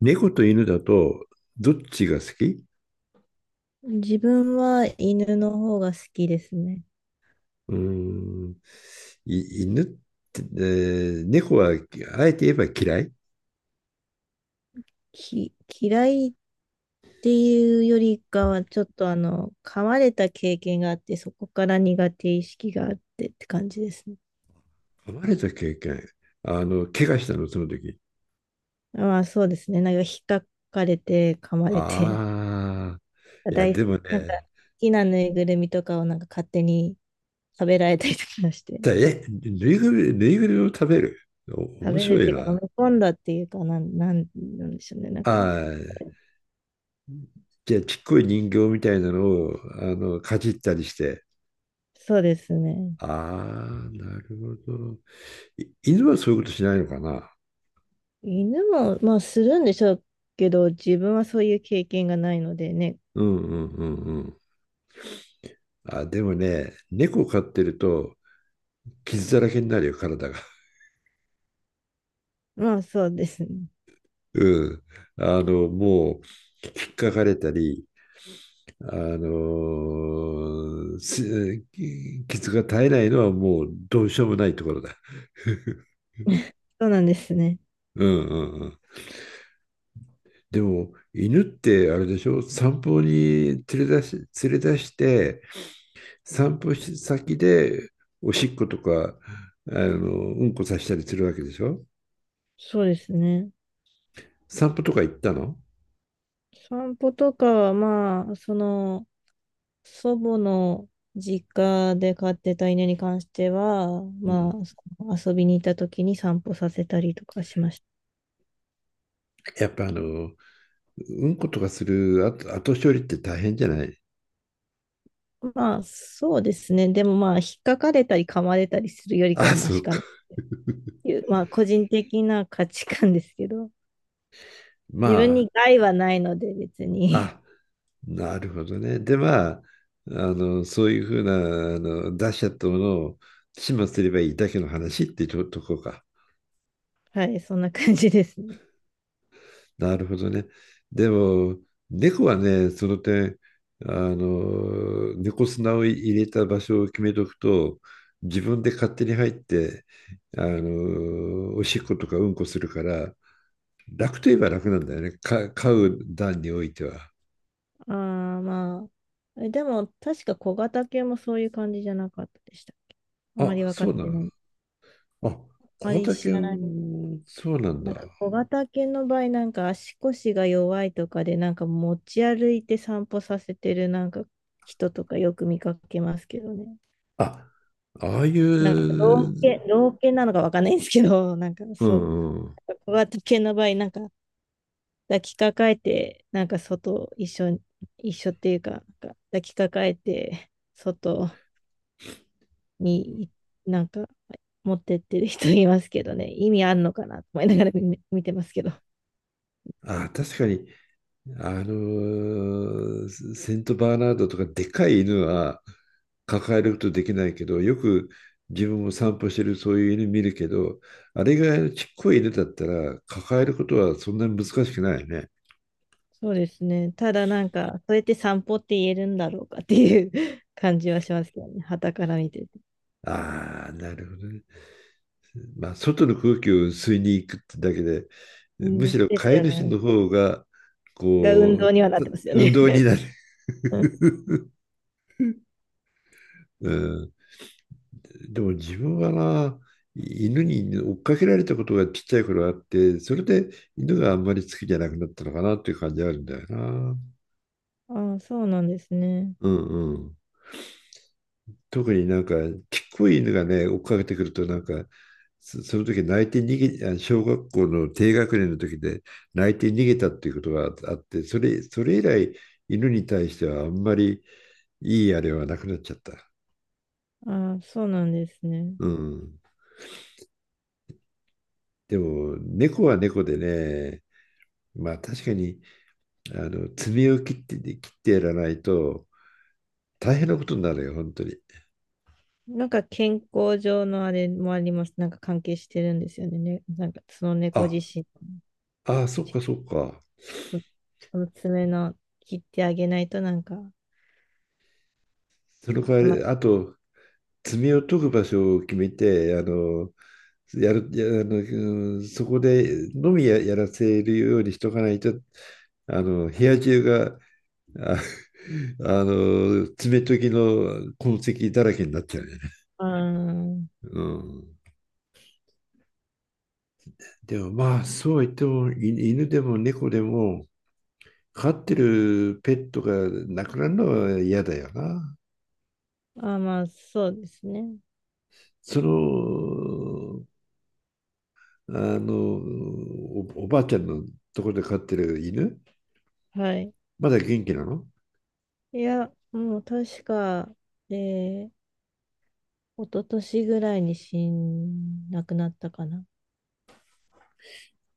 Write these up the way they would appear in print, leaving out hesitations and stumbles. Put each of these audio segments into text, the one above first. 猫と犬だと、どっちが好き？自分は犬の方が好きですね。うーん、い犬って、猫は、あえて言えば嫌い。き、嫌いっていうよりかは、ちょっと噛まれた経験があって、そこから苦手意識があってって感じですね。噛まれた経験。怪我したの、その時？まあそうですね。なんか引っかかれて、噛まれて、ああ、いや、大好でき、もなんか好ね、きなぬいぐるみとかをなんか勝手に食べられたりとかして、ぬいぐるみを食べる。お、食面べるっ白いていうか飲な。み込んだっていうかなんでしょうね。なんあか、あ、じゃあ、ちっこい人形みたいなのを、かじったりして。そうですね。ああ、なるほど。い犬はそういうことしないのかな。犬も、まあ、するんでしょうけど、自分はそういう経験がないのでね。うんうんうんうん。あ、でもね、猫飼ってると傷だらけになるよ、体が。まあ、そうですね。うん。もう、引っかかれたり、あのーす傷が絶えないのはもうどうしようもないところだ。そうなんですね。うんうんうん。でも、犬ってあれでしょ、散歩に連れ出して、散歩し先でおしっことか、うんこさせたりするわけでしょ？そうですね。散歩とか行ったの？散歩とかは、まあ、祖母の実家で飼ってた犬に関しては、うまん。あ、その遊びに行った時に散歩させたりとかしました。やっぱうんことかする後後処理って大変じゃない？ まあ、そうですね。でもまあ、引っかかれたり噛まれたりするよ りかあ、はマそシうかか。なっ ていう、まあ、個人的な価値観ですけど、自ま分あ、に害はないので、別に。あ、なるほどね。で、まあ、そういうふうな、出しちゃったものを始末すればいいだけの話ってととこか。はい、そんな感じですね。なるほどね。でも、猫はね、その点、猫砂を入れた場所を決めとくと、自分で勝手に入って、おしっことかうんこするから、楽といえば楽なんだよね。買う段においては。ああ、まあ。でも、確か小型犬もそういう感じじゃなかったでしたっけ？あまあ、り分かっそうなての？ない。ああ、ま小り知竹らない。もそうなんだ。なんか小型犬の場合、なんか足腰が弱いとかで、なんか持ち歩いて散歩させてるなんか人とかよく見かけますけどね。あ、ああいなんかう、う老犬なのか分かんないんですけど、なんかんそう。うん。小型犬の場合、なんか抱きかかえて、なんか外、一緒に、一緒っていうか、なんか抱きかかえて、外になんか、持ってってる人いますけどね、意味あんのかなと思いながら見てますけど。あ、確かに、あのーセントバーナードとかでかい犬は抱えることできないけど、よく自分も散歩してるそういう犬見るけど、あれぐらいのちっこい犬だったら抱えることはそんなに難しくないよね。そうですね。ただなんか、そうやって散歩って言えるんだろうかっていう 感じはしますけどね、傍から見てて。ああ、なるほどね。まあ、外の空気を吸いに行くってだけで、むしでろです飼いよ主ね。の方が、が運こ動にはなっう、てますよ運動にね。なる。うん、でも自分はな、犬に追っかけられたことがちっちゃい頃あって、それで犬があんまり好きじゃなくなったのかなっていう感じあるんだよな。ああ、そうなんですね。うんうん。特になんか、ちっこい犬がね、追っかけてくると、なんか、その時泣いて逃げ、小学校の低学年の時で泣いて逃げたっていうことがあって、それ以来、犬に対してはあんまりいいあれはなくなっちゃった。ああ、そうなんですね。うん。でも、猫は猫でね、まあ確かに、爪を切ってやらないと大変なことになるよ、本当に。なんか健康上のあれもあります。なんか関係してるんですよね。なんかその猫自あ、身、ああ、そっちかそっか。その爪の切ってあげないとなんか、その代あわまり、り、あと、罪を解く場所を決めて、あの、やる、や、あの、うんそこでのみやらせるようにしとかないと、部屋中が、あ、爪研ぎの痕跡だらけになっちゃうよね。あーうん。でもまあ、そうは言っても、い犬でも猫でも、飼ってるペットが亡くなるのは嫌だよな。まあそうですね。その、おばあちゃんのところで飼ってる犬、はい。まだ元気なの？いや、もう確か、えー、一昨年ぐらいに亡くなったかな。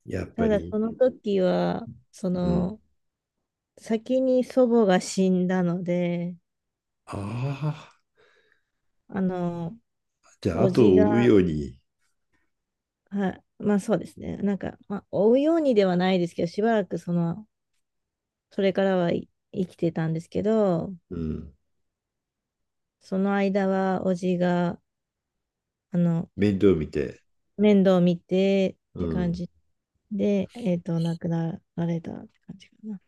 やっぱただり。その時は、そうん。の、先に祖母が死んだので、ああ、あの、じゃあ、お後じをが。追うように、はい。まあそうですね。なんか、まあ、追うようにではないですけど、しばらくそれからはい生きてたんですけど、うん、その間は、おじが、あの、面倒見て。面倒を見てっうて感ん。じで、亡くなられたって感じかな。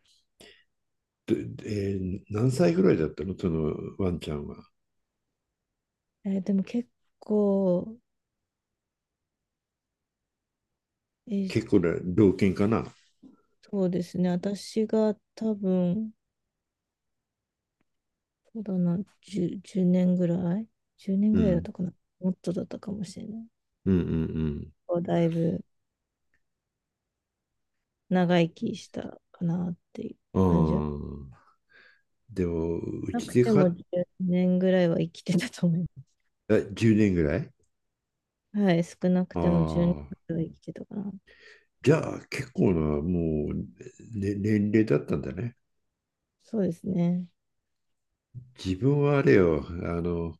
で、何歳ぐらいだったのそのワンちゃんは？でも結構、えー結構な老犬かな。そうですね。私が多分、そうだな、10、年ぐらい ?10 年うぐらいだっん。たかな。もっとだったかもしれない。うんうんこうだいぶ長生きしたかなっていうう感じは。ん。ああ。でも、うなちくでて飼もっ十年ぐらいは生きてたと思いまた10年ぐらい。す。はい、少なくあても10年あ。ぐらいは生きてたかな。じゃあ、結構な、もう、ね、年齢だったんだね。そうですね。自分はあれよ、の、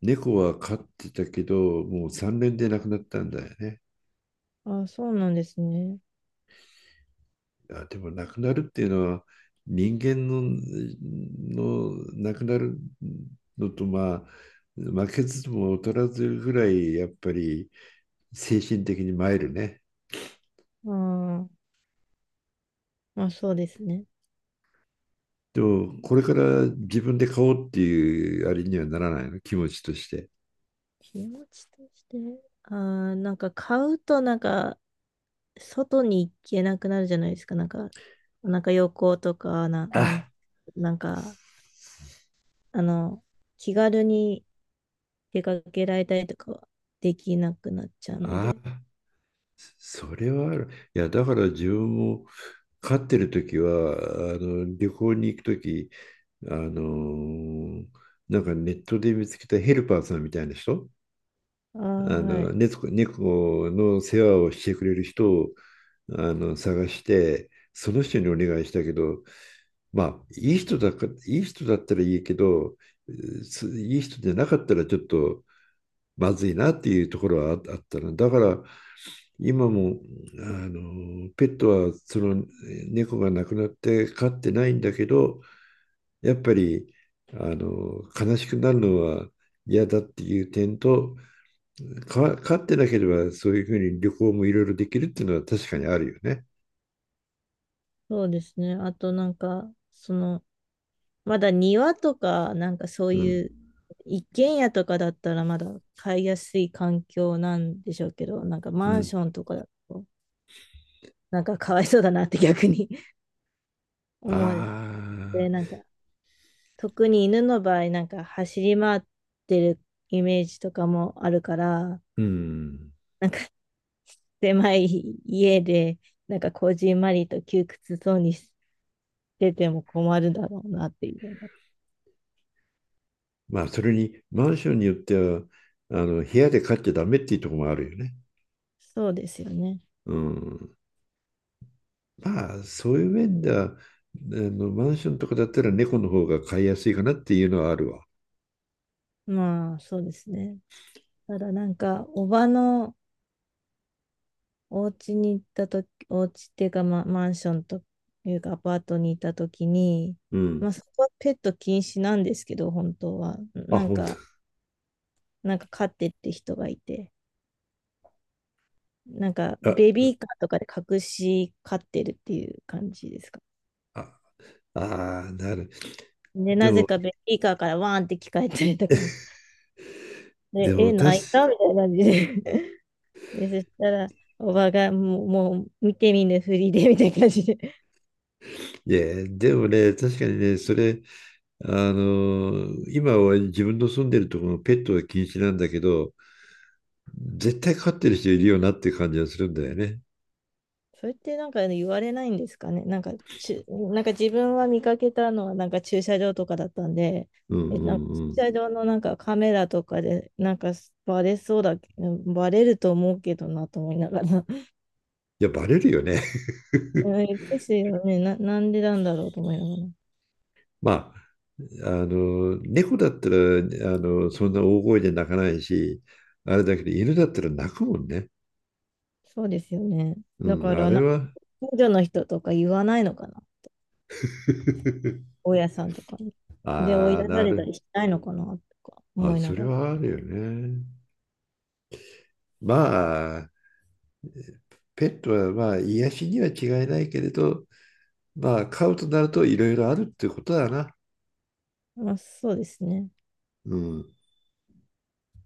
猫は飼ってたけど、もう3年で亡くなったんだよね。ああ、そうなんですね。あ、でも亡くなるっていうのは、人間の亡くなるのと、まあ、負けずとも劣らずぐらい、やっぱり精神的に参るね。ああ、まあそうですね。でも、これから自分で飼おうっていうあれにはならないの、気持ちとして？気持ちとして。なんか買うとなんか、外に行けなくなるじゃないですか。なんか、なんか旅行とか、あなんか、あの、気軽に出かけられたりとかはできなくなっちゃうのあ、で、それはある。いや、だから自分も飼ってる時は、旅行に行く時、あのなんかネットで見つけたヘルパーさんみたいな人、ああ、はい。猫の世話をしてくれる人を探して、その人にお願いしたけど、まあ、いい人だったらいいけど、いい人じゃなかったらちょっとまずいなっていうところはあったの。だから、今も、ペットは、猫が亡くなって飼ってないんだけど、やっぱり、悲しくなるのは嫌だっていう点と、飼ってなければ、そういうふうに旅行もいろいろできるっていうのは確かにあるよね。そうですね。あとなんか、まだ庭とか、なんかそううん。いう一軒家とかだったらまだ買いやすい環境なんでしょうけど、なんかうマンん。ションとかだと、なんかかわいそうだなって逆に あ思って、なあ、んか特に犬の場合、なんか走り回ってるイメージとかもあるから、うん。なんか狭い家で、なんかこじんまりと窮屈そうにしてても困るだろうなっていうの。まあ、それに、マンションによっては、部屋で飼っちゃダメっていうところもあるよね。そうですよね。うん。まあ、そういう面では、マンションとかだったら猫の方が飼いやすいかなっていうのはあるわ。まあ、そうですね。ただなんか、おばのお家に行ったとき、お家っていうか、まあ、マンションというか、アパートにいたときに、うまあ、ん。そこはペット禁止なんですけど、本当は。あ、なん本か、なんか飼ってって人がいて、なんか、当？ベあ、ビーカーとかで隠し飼ってるっていう感じですか。あ、ああ、なる。で、でなぜも、かベビーカーからワーンって聞かれたりとか、で、でも、確か泣いたみたいな感じで。で、そしたら、おばがもう見てみぬふりでみたいな感じで。いや、でもね、確かにね、それ、今は自分の住んでるところのペットは禁止なんだけど、絶対飼ってる人いるよなっていう感じがするんだよね。それってなんか言われないんですかね。なんか、ちなんか自分は見かけたのはなんか駐車場とかだったんで、うんうなんかんうん。い駐車場のなんかカメラとかでなんかバレそうだ、バレると思うけどなと思いながら。や、バレるよね。うんですよね。なんでなんだろうと思いながら。まあ、猫だったら、そんな大声で泣かないし、あれだけど、犬だったら泣くもんね。そうですよね。だうかん、あら、れは。近所の人とか言わないのかな。大家さんとかに。で、追いああ、出さなれたる。りしないのかなとかあ、思いなそれがら。はあるよね。まあ、ペットはまあ、癒しには違いないけれど、まあ、飼うとなるといろいろあるってことだな。まあ、そうですね。うん。